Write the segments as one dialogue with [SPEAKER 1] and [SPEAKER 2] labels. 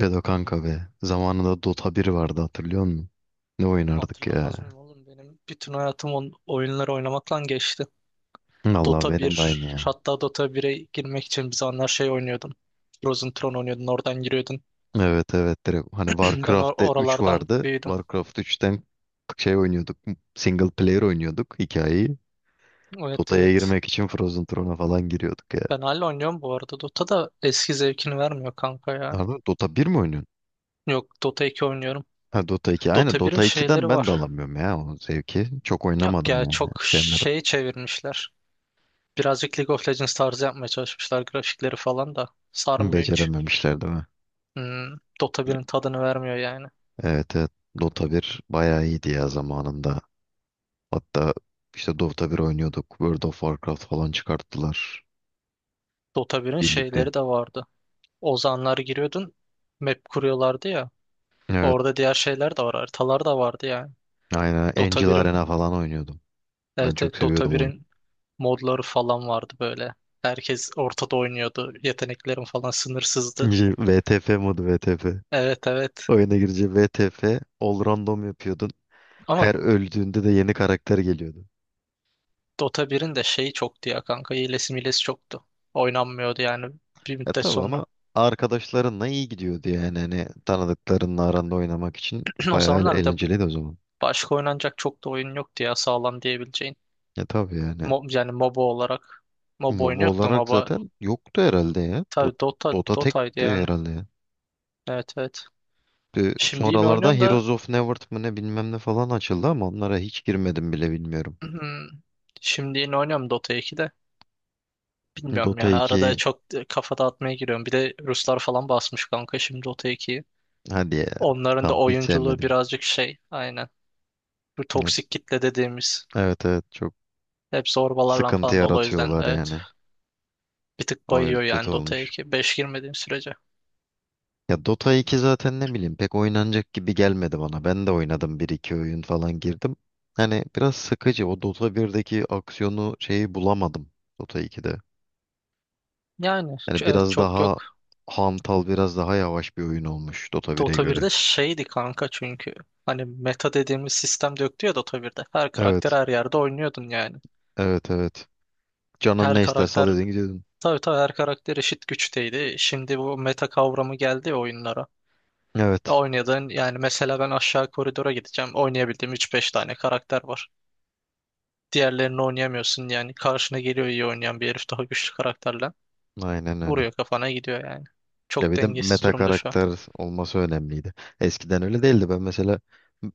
[SPEAKER 1] Bedo kanka be. Zamanında Dota bir vardı, hatırlıyor musun? Ne oynardık ya.
[SPEAKER 2] Hatırlamaz mıyım oğlum? Benim bütün hayatım oyunlar oynamakla geçti.
[SPEAKER 1] Allah,
[SPEAKER 2] Dota
[SPEAKER 1] benim
[SPEAKER 2] bir
[SPEAKER 1] de aynı ya.
[SPEAKER 2] hatta Dota 1'e girmek için bir zamanlar şey oynuyordum. Frozen Throne oynuyordun, oradan giriyordun.
[SPEAKER 1] Evet, evet, direkt hani
[SPEAKER 2] Ben
[SPEAKER 1] Warcraft'te 3
[SPEAKER 2] oralardan
[SPEAKER 1] vardı.
[SPEAKER 2] büyüdüm.
[SPEAKER 1] Warcraft 3'ten şey oynuyorduk. Single player oynuyorduk hikayeyi.
[SPEAKER 2] Evet
[SPEAKER 1] Dota'ya
[SPEAKER 2] evet.
[SPEAKER 1] girmek için Frozen Throne'a falan giriyorduk ya.
[SPEAKER 2] Ben hala oynuyorum bu arada. Dota da eski zevkini vermiyor kanka ya.
[SPEAKER 1] Nerede Dota bir mi oynuyorsun?
[SPEAKER 2] Yok Dota 2 oynuyorum.
[SPEAKER 1] Ha, Dota iki. Aynen,
[SPEAKER 2] Dota 1'in
[SPEAKER 1] Dota iki'den
[SPEAKER 2] şeyleri
[SPEAKER 1] ben de
[SPEAKER 2] var.
[SPEAKER 1] alamıyorum ya o zevki. Çok
[SPEAKER 2] Yok
[SPEAKER 1] oynamadım
[SPEAKER 2] ya
[SPEAKER 1] yani.
[SPEAKER 2] çok
[SPEAKER 1] Sevmedim.
[SPEAKER 2] şey çevirmişler. Birazcık League of Legends tarzı yapmaya çalışmışlar grafikleri falan da. Sarmıyor hiç.
[SPEAKER 1] Becerememişler değil mi?
[SPEAKER 2] Hmm, Dota 1'in tadını vermiyor yani.
[SPEAKER 1] Evet, evet. Dota bir bayağı iyiydi ya zamanında. Hatta işte Dota bir oynuyorduk. World of Warcraft falan çıkarttılar
[SPEAKER 2] Dota 1'in
[SPEAKER 1] birlikte.
[SPEAKER 2] şeyleri de vardı. Ozanlar giriyordun. Map kuruyorlardı ya.
[SPEAKER 1] Evet.
[SPEAKER 2] Orada diğer şeyler de var. Haritalar da vardı yani.
[SPEAKER 1] Aynen.
[SPEAKER 2] Dota
[SPEAKER 1] Angel
[SPEAKER 2] 1'in
[SPEAKER 1] Arena falan oynuyordum. Ben
[SPEAKER 2] evet,
[SPEAKER 1] çok
[SPEAKER 2] evet, Dota
[SPEAKER 1] seviyordum onu.
[SPEAKER 2] 1'in modları falan vardı böyle. Herkes ortada oynuyordu. Yeteneklerin falan sınırsızdı.
[SPEAKER 1] İşte VTF modu VTF.
[SPEAKER 2] Evet evet.
[SPEAKER 1] Oyuna girince VTF all random yapıyordun.
[SPEAKER 2] Ama
[SPEAKER 1] Her öldüğünde de yeni karakter geliyordu.
[SPEAKER 2] Dota 1'in de şeyi çoktu ya kanka. Hilesi milesi çoktu. Oynanmıyordu yani bir
[SPEAKER 1] Ya
[SPEAKER 2] müddet
[SPEAKER 1] tabii,
[SPEAKER 2] sonra.
[SPEAKER 1] ama arkadaşlarınla iyi gidiyordu yani. Hani tanıdıklarınla aranda oynamak için
[SPEAKER 2] O
[SPEAKER 1] bayağı
[SPEAKER 2] zamanlar bir de
[SPEAKER 1] eğlenceliydi o zaman.
[SPEAKER 2] başka oynanacak çok da oyun yoktu ya sağlam diyebileceğin.
[SPEAKER 1] Ya tabii yani.
[SPEAKER 2] Yani MOBA olarak. MOBA
[SPEAKER 1] MOBA
[SPEAKER 2] oyunu yoktu.
[SPEAKER 1] olarak zaten yoktu herhalde ya.
[SPEAKER 2] Tabii Dota
[SPEAKER 1] Dota
[SPEAKER 2] Dota'ydı
[SPEAKER 1] tekti
[SPEAKER 2] yani.
[SPEAKER 1] herhalde ya.
[SPEAKER 2] Evet evet. Şimdi yine
[SPEAKER 1] Sonralarda
[SPEAKER 2] oynuyorum da.
[SPEAKER 1] Heroes of Newerth mı ne bilmem ne falan açıldı ama onlara hiç girmedim bile, bilmiyorum.
[SPEAKER 2] Şimdi yine oynuyorum Dota 2 de. Bilmiyorum
[SPEAKER 1] Dota
[SPEAKER 2] ya. Arada
[SPEAKER 1] 2,
[SPEAKER 2] çok kafa dağıtmaya giriyorum. Bir de Ruslar falan basmış kanka şimdi Dota 2'yi.
[SPEAKER 1] hadi ya.
[SPEAKER 2] Onların da
[SPEAKER 1] Tam hiç
[SPEAKER 2] oyunculuğu
[SPEAKER 1] sevmedim.
[SPEAKER 2] birazcık şey. Aynen. Bu
[SPEAKER 1] Evet,
[SPEAKER 2] toksik kitle dediğimiz.
[SPEAKER 1] evet, evet, çok
[SPEAKER 2] Hep zorbalarla
[SPEAKER 1] sıkıntı
[SPEAKER 2] falan dolu. O yüzden
[SPEAKER 1] yaratıyorlar
[SPEAKER 2] evet.
[SPEAKER 1] yani.
[SPEAKER 2] Bir tık
[SPEAKER 1] O
[SPEAKER 2] bayıyor
[SPEAKER 1] kötü
[SPEAKER 2] yani Dota
[SPEAKER 1] olmuş.
[SPEAKER 2] 2. 5 girmediğim sürece.
[SPEAKER 1] Ya Dota 2 zaten ne bileyim pek oynanacak gibi gelmedi bana. Ben de oynadım, bir iki oyun falan girdim. Hani biraz sıkıcı, o Dota 1'deki aksiyonu şeyi bulamadım Dota 2'de.
[SPEAKER 2] Yani
[SPEAKER 1] Yani
[SPEAKER 2] evet,
[SPEAKER 1] biraz
[SPEAKER 2] çok
[SPEAKER 1] daha
[SPEAKER 2] yok.
[SPEAKER 1] hantal, biraz daha yavaş bir oyun olmuş Dota 1'e
[SPEAKER 2] Dota
[SPEAKER 1] göre.
[SPEAKER 2] birde şeydi kanka çünkü. Hani meta dediğimiz sistem de yoktu ya Dota 1'de. Her karakter
[SPEAKER 1] Evet.
[SPEAKER 2] her yerde oynuyordun yani.
[SPEAKER 1] Evet, evet. Canın
[SPEAKER 2] Her
[SPEAKER 1] ne isterse
[SPEAKER 2] karakter
[SPEAKER 1] alıyordun, gidiyordun.
[SPEAKER 2] tabii tabii her karakter eşit güçteydi. Şimdi bu meta kavramı geldi ya oyunlara.
[SPEAKER 1] Evet.
[SPEAKER 2] Oynadığın yani mesela ben aşağı koridora gideceğim. Oynayabildiğim üç beş tane karakter var. Diğerlerini oynayamıyorsun yani. Karşına geliyor iyi oynayan bir herif daha güçlü karakterle.
[SPEAKER 1] Aynen öyle.
[SPEAKER 2] Vuruyor kafana gidiyor yani.
[SPEAKER 1] Ya
[SPEAKER 2] Çok
[SPEAKER 1] bir de
[SPEAKER 2] dengesiz
[SPEAKER 1] meta
[SPEAKER 2] durumda şu an.
[SPEAKER 1] karakter olması önemliydi. Eskiden öyle değildi. Ben mesela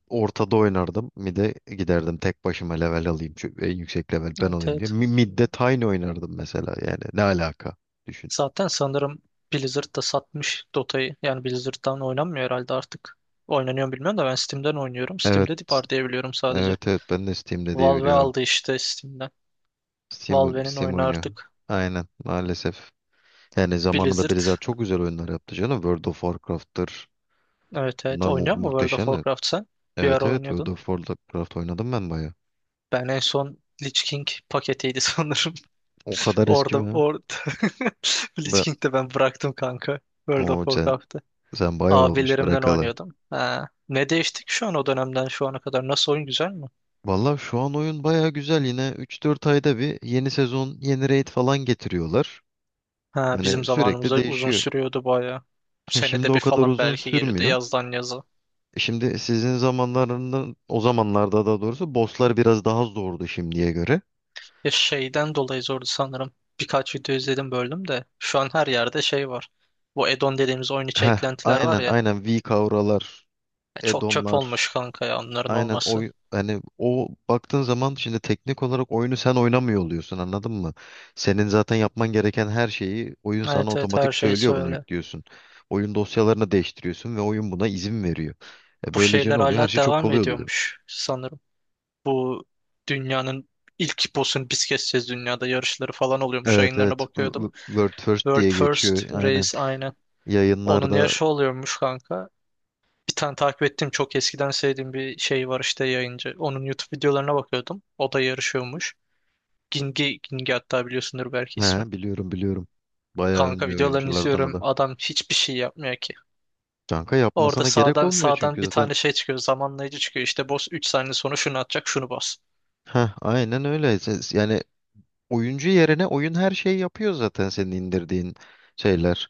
[SPEAKER 1] ortada oynardım. Mid'e giderdim. Tek başıma level alayım, şu en yüksek level ben
[SPEAKER 2] Evet
[SPEAKER 1] olayım diye.
[SPEAKER 2] evet.
[SPEAKER 1] Mid'de Tiny oynardım mesela. Yani ne alaka? Düşün.
[SPEAKER 2] Zaten sanırım Blizzard da satmış Dota'yı. Yani Blizzard'dan oynanmıyor herhalde artık. Oynanıyor mu bilmiyorum da ben Steam'den oynuyorum.
[SPEAKER 1] Evet.
[SPEAKER 2] Steam'de var diye biliyorum sadece.
[SPEAKER 1] Evet, evet. Ben de Steam'de diye
[SPEAKER 2] Valve
[SPEAKER 1] biliyorum.
[SPEAKER 2] aldı işte Steam'den.
[SPEAKER 1] Steam,
[SPEAKER 2] Valve'nin
[SPEAKER 1] Steam
[SPEAKER 2] oyunu
[SPEAKER 1] oynuyor.
[SPEAKER 2] artık.
[SPEAKER 1] Aynen. Maalesef. Yani zamanında
[SPEAKER 2] Blizzard.
[SPEAKER 1] Blizzard çok güzel oyunlar yaptı canım. World of Warcraft'tır.
[SPEAKER 2] Evet evet.
[SPEAKER 1] Bunlar mu
[SPEAKER 2] Oynuyor mu World of
[SPEAKER 1] muhteşem.
[SPEAKER 2] Warcraft sen? Bir
[SPEAKER 1] Evet,
[SPEAKER 2] ara
[SPEAKER 1] evet, World
[SPEAKER 2] oynuyordun.
[SPEAKER 1] of Warcraft oynadım ben bayağı.
[SPEAKER 2] Ben en son Lich King paketiydi sanırım.
[SPEAKER 1] O kadar eski
[SPEAKER 2] Orada
[SPEAKER 1] mi ya?
[SPEAKER 2] orada Lich
[SPEAKER 1] Ben
[SPEAKER 2] King'de ben bıraktım kanka. World of
[SPEAKER 1] o sen
[SPEAKER 2] Warcraft'ı.
[SPEAKER 1] sen bayağı olmuş
[SPEAKER 2] Abilerimden
[SPEAKER 1] bırakalı.
[SPEAKER 2] oynuyordum. Ha. Ne değişti ki şu an o dönemden şu ana kadar? Nasıl oyun güzel mi?
[SPEAKER 1] Valla şu an oyun bayağı güzel yine. Üç dört ayda bir yeni sezon, yeni raid falan getiriyorlar.
[SPEAKER 2] Ha, bizim
[SPEAKER 1] Yani sürekli
[SPEAKER 2] zamanımızda uzun
[SPEAKER 1] değişiyor.
[SPEAKER 2] sürüyordu bayağı.
[SPEAKER 1] Şimdi
[SPEAKER 2] Senede
[SPEAKER 1] o
[SPEAKER 2] bir
[SPEAKER 1] kadar
[SPEAKER 2] falan
[SPEAKER 1] uzun
[SPEAKER 2] belki geliyordu
[SPEAKER 1] sürmüyor.
[SPEAKER 2] yazdan yaza.
[SPEAKER 1] Şimdi sizin zamanlarında, o zamanlarda daha doğrusu, bosslar biraz daha zordu şimdiye göre.
[SPEAKER 2] Ya şeyden dolayı zordu sanırım. Birkaç video izledim böldüm de. Şu an her yerde şey var. Bu add-on dediğimiz oyun içi
[SPEAKER 1] Heh,
[SPEAKER 2] eklentiler var
[SPEAKER 1] aynen
[SPEAKER 2] ya.
[SPEAKER 1] aynen, V kavralar,
[SPEAKER 2] Ya çok çöp
[SPEAKER 1] edonlar.
[SPEAKER 2] olmuş kanka ya onların
[SPEAKER 1] Aynen,
[SPEAKER 2] olması.
[SPEAKER 1] oy hani o baktığın zaman şimdi teknik olarak oyunu sen oynamıyor oluyorsun, anladın mı? Senin zaten yapman gereken her şeyi oyun sana
[SPEAKER 2] Evet evet her
[SPEAKER 1] otomatik
[SPEAKER 2] şey
[SPEAKER 1] söylüyor, bunu
[SPEAKER 2] söyle.
[SPEAKER 1] yüklüyorsun. Oyun dosyalarını değiştiriyorsun ve oyun buna izin veriyor. E
[SPEAKER 2] Bu
[SPEAKER 1] böylece ne
[SPEAKER 2] şeyler
[SPEAKER 1] oluyor? Her
[SPEAKER 2] hala
[SPEAKER 1] şey çok
[SPEAKER 2] devam
[SPEAKER 1] kolay oluyor.
[SPEAKER 2] ediyormuş sanırım. Bu dünyanın ilk boss'un biz keseceğiz dünyada yarışları falan oluyormuş.
[SPEAKER 1] Evet,
[SPEAKER 2] Yayınlarına
[SPEAKER 1] evet,
[SPEAKER 2] bakıyordum.
[SPEAKER 1] World First
[SPEAKER 2] World
[SPEAKER 1] diye geçiyor
[SPEAKER 2] First
[SPEAKER 1] aynen.
[SPEAKER 2] Race aynen. Onun
[SPEAKER 1] Yayınlarda.
[SPEAKER 2] yarışı oluyormuş kanka. Bir tane takip ettiğim çok eskiden sevdiğim bir şey var işte yayıncı. Onun YouTube videolarına bakıyordum. O da yarışıyormuş. Gingi hatta biliyorsundur belki ismi.
[SPEAKER 1] He, biliyorum biliyorum. Bayağı
[SPEAKER 2] Kanka
[SPEAKER 1] ünlü
[SPEAKER 2] videolarını
[SPEAKER 1] oyunculardan o
[SPEAKER 2] izliyorum.
[SPEAKER 1] da.
[SPEAKER 2] Adam hiçbir şey yapmıyor ki.
[SPEAKER 1] Kanka
[SPEAKER 2] Orada
[SPEAKER 1] yapmasına gerek
[SPEAKER 2] sağdan
[SPEAKER 1] olmuyor çünkü
[SPEAKER 2] sağdan bir
[SPEAKER 1] zaten.
[SPEAKER 2] tane şey çıkıyor. Zamanlayıcı çıkıyor. İşte boss 3 saniye sonra şunu atacak şunu bas.
[SPEAKER 1] Heh, aynen öyle. Yani oyuncu yerine oyun her şeyi yapıyor zaten, senin indirdiğin şeyler.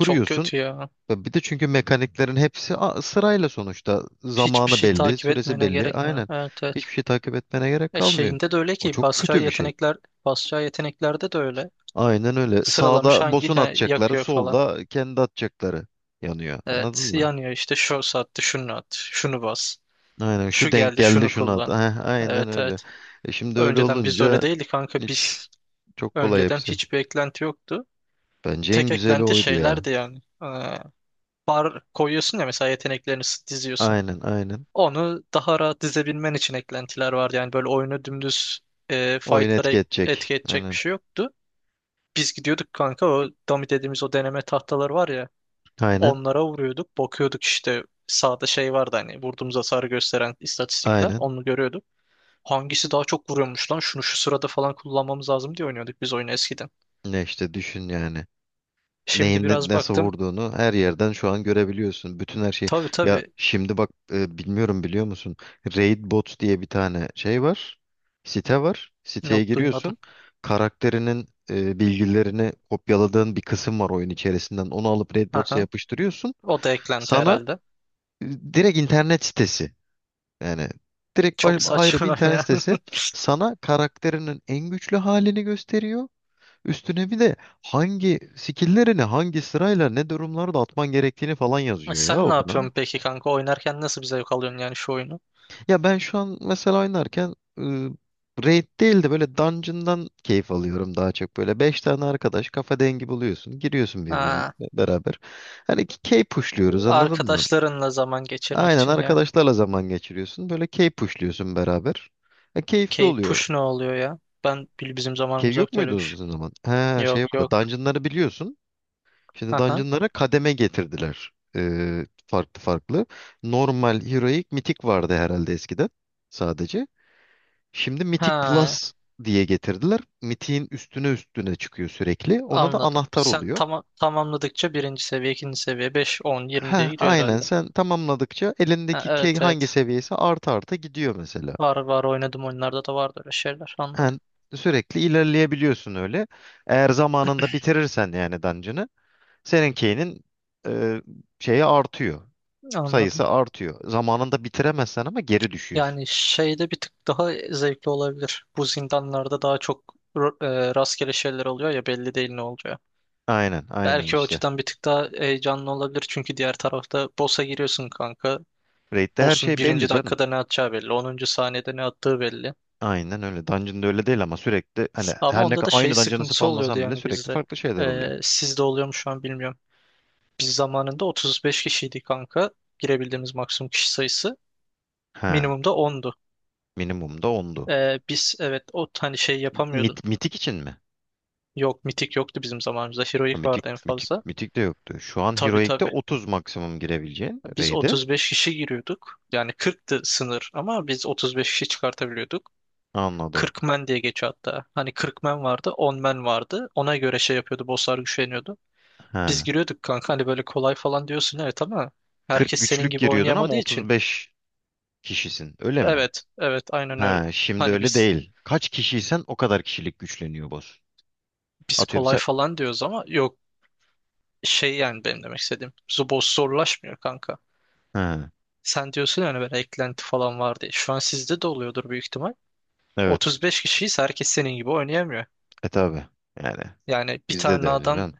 [SPEAKER 2] Çok kötü ya.
[SPEAKER 1] Bir de çünkü mekaniklerin hepsi sırayla sonuçta.
[SPEAKER 2] Hiçbir
[SPEAKER 1] Zamanı
[SPEAKER 2] şey
[SPEAKER 1] belli,
[SPEAKER 2] takip
[SPEAKER 1] süresi
[SPEAKER 2] etmene
[SPEAKER 1] belli.
[SPEAKER 2] gerek mi?
[SPEAKER 1] Aynen.
[SPEAKER 2] Evet evet.
[SPEAKER 1] Hiçbir şey takip etmene gerek
[SPEAKER 2] E
[SPEAKER 1] kalmıyor.
[SPEAKER 2] şeyinde de öyle
[SPEAKER 1] O
[SPEAKER 2] ki
[SPEAKER 1] çok kötü bir şey.
[SPEAKER 2] basacağı yeteneklerde de öyle.
[SPEAKER 1] Aynen öyle.
[SPEAKER 2] Sıralamış
[SPEAKER 1] Sağda
[SPEAKER 2] hangi
[SPEAKER 1] boss'un atacakları,
[SPEAKER 2] yakıyor falan.
[SPEAKER 1] solda kendi atacakları yanıyor.
[SPEAKER 2] Evet
[SPEAKER 1] Anladın mı?
[SPEAKER 2] yanıyor işte şu saatte şunu at, şunu bas,
[SPEAKER 1] Aynen,
[SPEAKER 2] şu
[SPEAKER 1] şu denk
[SPEAKER 2] geldi
[SPEAKER 1] geldi
[SPEAKER 2] şunu
[SPEAKER 1] şuna at.
[SPEAKER 2] kullan.
[SPEAKER 1] Heh, aynen
[SPEAKER 2] Evet
[SPEAKER 1] öyle.
[SPEAKER 2] evet.
[SPEAKER 1] Şimdi öyle
[SPEAKER 2] Önceden biz de öyle
[SPEAKER 1] olunca
[SPEAKER 2] değildik kanka,
[SPEAKER 1] hiç,
[SPEAKER 2] biz
[SPEAKER 1] çok kolay
[SPEAKER 2] önceden
[SPEAKER 1] hepsi.
[SPEAKER 2] hiçbir eklenti yoktu.
[SPEAKER 1] Bence en
[SPEAKER 2] Tek
[SPEAKER 1] güzeli
[SPEAKER 2] eklenti
[SPEAKER 1] oydu ya.
[SPEAKER 2] şeylerdi yani. Ee, bar koyuyorsun ya mesela yeteneklerini diziyorsun.
[SPEAKER 1] Aynen aynen.
[SPEAKER 2] Onu daha rahat dizebilmen için eklentiler vardı. Yani böyle oyunu dümdüz
[SPEAKER 1] Oyun
[SPEAKER 2] fightlara
[SPEAKER 1] etki edecek.
[SPEAKER 2] etki edecek bir
[SPEAKER 1] Aynen.
[SPEAKER 2] şey yoktu. Biz gidiyorduk kanka o dummy dediğimiz o deneme tahtaları var ya.
[SPEAKER 1] Aynen.
[SPEAKER 2] Onlara vuruyorduk. Bakıyorduk işte sağda şey vardı hani vurduğumuz hasarı gösteren istatistikler.
[SPEAKER 1] Aynen.
[SPEAKER 2] Onu görüyorduk. Hangisi daha çok vuruyormuş lan? Şunu şu sırada falan kullanmamız lazım diye oynuyorduk biz oyunu eskiden.
[SPEAKER 1] Ne işte düşün yani.
[SPEAKER 2] Şimdi biraz
[SPEAKER 1] Nasıl
[SPEAKER 2] baktım.
[SPEAKER 1] vurduğunu her yerden şu an görebiliyorsun. Bütün her şeyi.
[SPEAKER 2] Tabii
[SPEAKER 1] Ya
[SPEAKER 2] tabii.
[SPEAKER 1] şimdi bak, bilmiyorum, biliyor musun? Raid Bots diye bir tane şey var. Site var. Siteye
[SPEAKER 2] Yok
[SPEAKER 1] giriyorsun.
[SPEAKER 2] duymadım.
[SPEAKER 1] Karakterinin bilgilerini kopyaladığın bir kısım var oyun içerisinden. Onu alıp Raid Bots'a
[SPEAKER 2] Aha.
[SPEAKER 1] yapıştırıyorsun.
[SPEAKER 2] O da eklenti
[SPEAKER 1] Sana
[SPEAKER 2] herhalde.
[SPEAKER 1] direkt internet sitesi. Yani direkt
[SPEAKER 2] Çok
[SPEAKER 1] ayrı bir
[SPEAKER 2] saçma
[SPEAKER 1] internet
[SPEAKER 2] ya.
[SPEAKER 1] sitesi sana karakterinin en güçlü halini gösteriyor. Üstüne bir de hangi skill'lerini hangi sırayla ne durumlarda atman gerektiğini falan
[SPEAKER 2] E
[SPEAKER 1] yazıyor ya
[SPEAKER 2] sen ne
[SPEAKER 1] okuna.
[SPEAKER 2] yapıyorsun peki kanka? Oynarken nasıl bir zevk alıyorsun yani şu oyunu?
[SPEAKER 1] Ya ben şu an mesela oynarken raid değil de böyle dungeon'dan keyif alıyorum daha çok. Böyle 5 tane arkadaş kafa dengi buluyorsun. Giriyorsun birbirine
[SPEAKER 2] Ha,
[SPEAKER 1] beraber. Hani key pushluyoruz, anladın mı?
[SPEAKER 2] arkadaşlarınla zaman geçirmek
[SPEAKER 1] Aynen,
[SPEAKER 2] için yani.
[SPEAKER 1] arkadaşlarla zaman geçiriyorsun. Böyle key pushluyorsun beraber. Keyifli
[SPEAKER 2] Key
[SPEAKER 1] oluyor.
[SPEAKER 2] push ne oluyor ya? Ben bizim
[SPEAKER 1] Cave
[SPEAKER 2] zamanımız
[SPEAKER 1] yok
[SPEAKER 2] yoktu öyle
[SPEAKER 1] muydu
[SPEAKER 2] bir
[SPEAKER 1] o
[SPEAKER 2] şey.
[SPEAKER 1] zaman? He, şey
[SPEAKER 2] Yok
[SPEAKER 1] vardı.
[SPEAKER 2] yok.
[SPEAKER 1] Dungeon'ları biliyorsun. Şimdi Dungeon'lara kademe getirdiler. Farklı farklı. Normal, Heroic, Mythic vardı herhalde eskiden sadece. Şimdi Mythic
[SPEAKER 2] Ha,
[SPEAKER 1] Plus diye getirdiler. Mythic'in üstüne üstüne çıkıyor sürekli. Ona da
[SPEAKER 2] anladım.
[SPEAKER 1] anahtar
[SPEAKER 2] Sen
[SPEAKER 1] oluyor.
[SPEAKER 2] tamamladıkça birinci seviye, ikinci seviye, 5 10 20
[SPEAKER 1] He,
[SPEAKER 2] diye gidiyor
[SPEAKER 1] aynen,
[SPEAKER 2] herhalde.
[SPEAKER 1] sen tamamladıkça
[SPEAKER 2] Ha,
[SPEAKER 1] elindeki key
[SPEAKER 2] evet
[SPEAKER 1] hangi
[SPEAKER 2] evet.
[SPEAKER 1] seviyesi artı arta gidiyor mesela.
[SPEAKER 2] Var var oynadım oyunlarda da vardı öyle şeyler. Anladım.
[SPEAKER 1] Yani sürekli ilerleyebiliyorsun öyle. Eğer zamanında bitirirsen yani dungeon'ı, seninkinin e, şeyi artıyor.
[SPEAKER 2] Anladım.
[SPEAKER 1] Sayısı artıyor. Zamanında bitiremezsen ama geri düşüyorsun.
[SPEAKER 2] Yani şeyde bir tık daha zevkli olabilir. Bu zindanlarda daha çok ro- rastgele şeyler oluyor ya belli değil ne olacağı.
[SPEAKER 1] Aynen, aynen
[SPEAKER 2] Belki o
[SPEAKER 1] işte.
[SPEAKER 2] açıdan bir tık daha heyecanlı olabilir. Çünkü diğer tarafta boss'a giriyorsun kanka.
[SPEAKER 1] Raid'de her
[SPEAKER 2] Boss'un
[SPEAKER 1] şey belli
[SPEAKER 2] birinci
[SPEAKER 1] canım.
[SPEAKER 2] dakikada ne atacağı belli. Onuncu saniyede ne attığı belli.
[SPEAKER 1] Aynen öyle. Dungeon'da öyle değil ama sürekli, hani
[SPEAKER 2] Ama
[SPEAKER 1] her ne
[SPEAKER 2] onda
[SPEAKER 1] kadar
[SPEAKER 2] da şey
[SPEAKER 1] aynı dungeon'ı
[SPEAKER 2] sıkıntısı oluyordu
[SPEAKER 1] spamlasan bile
[SPEAKER 2] yani
[SPEAKER 1] sürekli
[SPEAKER 2] bizde.
[SPEAKER 1] farklı şeyler oluyor.
[SPEAKER 2] Sizde oluyor mu şu an bilmiyorum. Biz zamanında 35 kişiydik kanka. Girebildiğimiz maksimum kişi sayısı.
[SPEAKER 1] He.
[SPEAKER 2] Minimumda ondu.
[SPEAKER 1] Minimum da 10'du.
[SPEAKER 2] Biz evet o hani şey yapamıyordun.
[SPEAKER 1] Mitik için mi?
[SPEAKER 2] Yok mitik yoktu bizim zamanımızda. Heroic
[SPEAKER 1] Ha, Mitik,
[SPEAKER 2] vardı en
[SPEAKER 1] mitik,
[SPEAKER 2] fazla.
[SPEAKER 1] mitik de yoktu. Şu an
[SPEAKER 2] Tabii
[SPEAKER 1] Heroic'te
[SPEAKER 2] tabii.
[SPEAKER 1] 30 maksimum girebileceğin
[SPEAKER 2] Biz
[SPEAKER 1] raid'e.
[SPEAKER 2] 35 kişi giriyorduk. Yani 40'tı sınır ama biz 35 kişi çıkartabiliyorduk.
[SPEAKER 1] Anladım.
[SPEAKER 2] 40 men diye geçiyor hatta. Hani 40 men vardı, 10 men vardı. Ona göre şey yapıyordu, bosslar güçleniyordu.
[SPEAKER 1] He.
[SPEAKER 2] Biz giriyorduk kanka hani böyle kolay falan diyorsun evet ama
[SPEAKER 1] 40
[SPEAKER 2] herkes senin
[SPEAKER 1] güçlük
[SPEAKER 2] gibi
[SPEAKER 1] giriyordun ama
[SPEAKER 2] oynayamadığı için.
[SPEAKER 1] 35 kişisin. Öyle mi?
[SPEAKER 2] Evet, evet aynen öyle.
[SPEAKER 1] Ha, şimdi
[SPEAKER 2] Hani
[SPEAKER 1] öyle
[SPEAKER 2] biz
[SPEAKER 1] değil. Kaç kişiysen o kadar kişilik güçleniyor boss.
[SPEAKER 2] biz
[SPEAKER 1] Atıyorum
[SPEAKER 2] kolay
[SPEAKER 1] sen.
[SPEAKER 2] falan diyoruz ama yok şey yani benim demek istediğim. Zubos zorlaşmıyor kanka.
[SPEAKER 1] Ha,
[SPEAKER 2] Sen diyorsun yani böyle eklenti falan var diye. Şu an sizde de oluyordur büyük ihtimal.
[SPEAKER 1] evet.
[SPEAKER 2] 35 kişiyiz herkes senin gibi oynayamıyor.
[SPEAKER 1] Tabi. Yani
[SPEAKER 2] Yani bir
[SPEAKER 1] bizde de
[SPEAKER 2] tane
[SPEAKER 1] öyle
[SPEAKER 2] adam
[SPEAKER 1] can.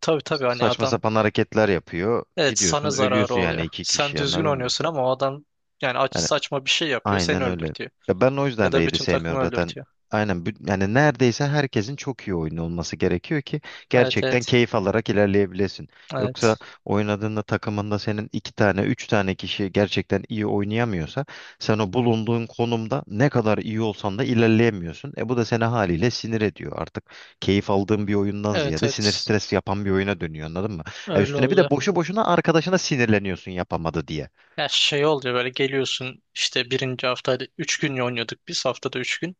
[SPEAKER 2] tabii tabii hani
[SPEAKER 1] Saçma
[SPEAKER 2] adam
[SPEAKER 1] sapan hareketler yapıyor.
[SPEAKER 2] evet sana
[SPEAKER 1] Gidiyorsun,
[SPEAKER 2] zararı
[SPEAKER 1] ölüyorsun yani
[SPEAKER 2] oluyor.
[SPEAKER 1] iki
[SPEAKER 2] Sen
[SPEAKER 1] kişi,
[SPEAKER 2] düzgün
[SPEAKER 1] anladın mı?
[SPEAKER 2] oynuyorsun ama o adam yani aç,
[SPEAKER 1] Yani.
[SPEAKER 2] saçma bir şey yapıyor seni
[SPEAKER 1] Aynen öyle.
[SPEAKER 2] öldürtüyor.
[SPEAKER 1] Ya ben o
[SPEAKER 2] Ya
[SPEAKER 1] yüzden
[SPEAKER 2] da
[SPEAKER 1] Raid'i
[SPEAKER 2] bütün takımı
[SPEAKER 1] sevmiyorum zaten.
[SPEAKER 2] öldürtüyor.
[SPEAKER 1] Aynen, yani neredeyse herkesin çok iyi oyunu olması gerekiyor ki
[SPEAKER 2] Evet
[SPEAKER 1] gerçekten
[SPEAKER 2] evet.
[SPEAKER 1] keyif alarak ilerleyebilesin. Yoksa
[SPEAKER 2] Evet.
[SPEAKER 1] oynadığında takımında senin iki tane, üç tane kişi gerçekten iyi oynayamıyorsa, sen o bulunduğun konumda ne kadar iyi olsan da ilerleyemiyorsun. Bu da seni haliyle sinir ediyor. Artık keyif aldığın bir oyundan
[SPEAKER 2] Evet
[SPEAKER 1] ziyade sinir,
[SPEAKER 2] evet.
[SPEAKER 1] stres yapan bir oyuna dönüyor, anladın mı? Ha,
[SPEAKER 2] Öyle
[SPEAKER 1] üstüne bir de
[SPEAKER 2] oluyor.
[SPEAKER 1] boşu boşuna arkadaşına sinirleniyorsun yapamadı diye.
[SPEAKER 2] Ya şey oluyor böyle geliyorsun işte birinci hafta hadi 3 gün oynuyorduk biz haftada 3 gün.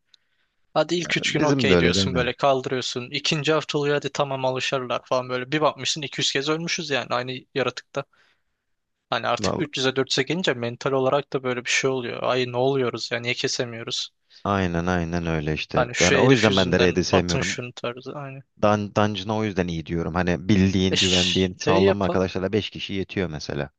[SPEAKER 2] Hadi ilk 3 gün
[SPEAKER 1] Bizim de
[SPEAKER 2] okey
[SPEAKER 1] öyleydi
[SPEAKER 2] diyorsun
[SPEAKER 1] aynen.
[SPEAKER 2] böyle kaldırıyorsun. İkinci hafta oluyor hadi tamam alışırlar falan böyle. Bir bakmışsın 200 kez ölmüşüz yani aynı yaratıkta. Hani artık 300'e 400'e gelince mental olarak da böyle bir şey oluyor. Ay ne oluyoruz ya niye kesemiyoruz?
[SPEAKER 1] Aynen aynen öyle işte.
[SPEAKER 2] Hani şu
[SPEAKER 1] Yani o
[SPEAKER 2] herif
[SPEAKER 1] yüzden ben de
[SPEAKER 2] yüzünden
[SPEAKER 1] raid'i
[SPEAKER 2] atın
[SPEAKER 1] sevmiyorum.
[SPEAKER 2] şunu tarzı. Aynı.
[SPEAKER 1] Dungeon'a o yüzden iyi diyorum. Hani bildiğin,
[SPEAKER 2] E
[SPEAKER 1] güvendiğin,
[SPEAKER 2] şey
[SPEAKER 1] sağlam
[SPEAKER 2] yapak.
[SPEAKER 1] arkadaşlarla 5 kişi yetiyor mesela.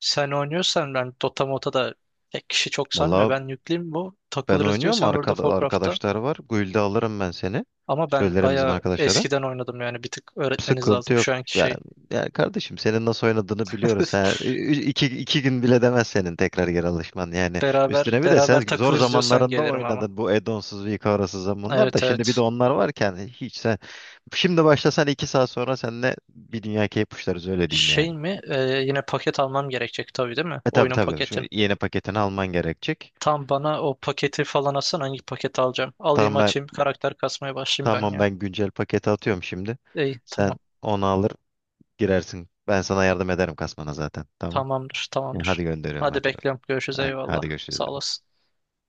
[SPEAKER 2] Sen oynuyorsan ben Dota Mota da pek kişi çok
[SPEAKER 1] Valla
[SPEAKER 2] sanmıyor. Ben yükleyeyim bu.
[SPEAKER 1] ben
[SPEAKER 2] Takılırız
[SPEAKER 1] oynuyorum.
[SPEAKER 2] diyorsan World of
[SPEAKER 1] Arkada,
[SPEAKER 2] Warcraft'ta.
[SPEAKER 1] arkadaşlar var. Guild'e alırım ben seni.
[SPEAKER 2] Ama ben
[SPEAKER 1] Söylerim bizim
[SPEAKER 2] bayağı
[SPEAKER 1] arkadaşlara.
[SPEAKER 2] eskiden oynadım yani bir tık öğretmeniz
[SPEAKER 1] Sıkıntı
[SPEAKER 2] lazım
[SPEAKER 1] yok.
[SPEAKER 2] şu anki
[SPEAKER 1] Yani,
[SPEAKER 2] şey.
[SPEAKER 1] yani kardeşim, senin nasıl oynadığını biliyoruz. Ha. İki gün bile demez senin tekrar geri alışman. Yani
[SPEAKER 2] Beraber
[SPEAKER 1] üstüne bir de sen
[SPEAKER 2] beraber
[SPEAKER 1] zor
[SPEAKER 2] takılırız diyorsan
[SPEAKER 1] zamanlarında
[SPEAKER 2] gelirim ama.
[SPEAKER 1] oynadın bu add-onsuz, Vicaros'uz zamanlar da.
[SPEAKER 2] Evet
[SPEAKER 1] Şimdi bir de
[SPEAKER 2] evet.
[SPEAKER 1] onlar varken hiç sen... Şimdi başlasan 2 saat sonra seninle bir dünya keyif uçlarız, öyle diyeyim yani.
[SPEAKER 2] Şey mi? Yine paket almam gerekecek tabii değil mi?
[SPEAKER 1] Tabii
[SPEAKER 2] Oyunun
[SPEAKER 1] tabii şu
[SPEAKER 2] paketin.
[SPEAKER 1] yeni paketini alman gerekecek.
[SPEAKER 2] Tam bana o paketi falan atsan hangi paketi alacağım? Alayım
[SPEAKER 1] Tamam ben,
[SPEAKER 2] açayım karakter kasmaya başlayayım ben
[SPEAKER 1] tamam
[SPEAKER 2] ya.
[SPEAKER 1] ben güncel paketi atıyorum şimdi.
[SPEAKER 2] İyi
[SPEAKER 1] Sen
[SPEAKER 2] tamam.
[SPEAKER 1] onu alır girersin. Ben sana yardım ederim kasmana zaten. Tamam.
[SPEAKER 2] Tamamdır
[SPEAKER 1] Yani hadi
[SPEAKER 2] tamamdır.
[SPEAKER 1] gönderiyorum,
[SPEAKER 2] Hadi
[SPEAKER 1] hadi.
[SPEAKER 2] bekliyorum. Görüşürüz eyvallah.
[SPEAKER 1] Hadi
[SPEAKER 2] Sağ
[SPEAKER 1] görüşürüz.
[SPEAKER 2] olasın.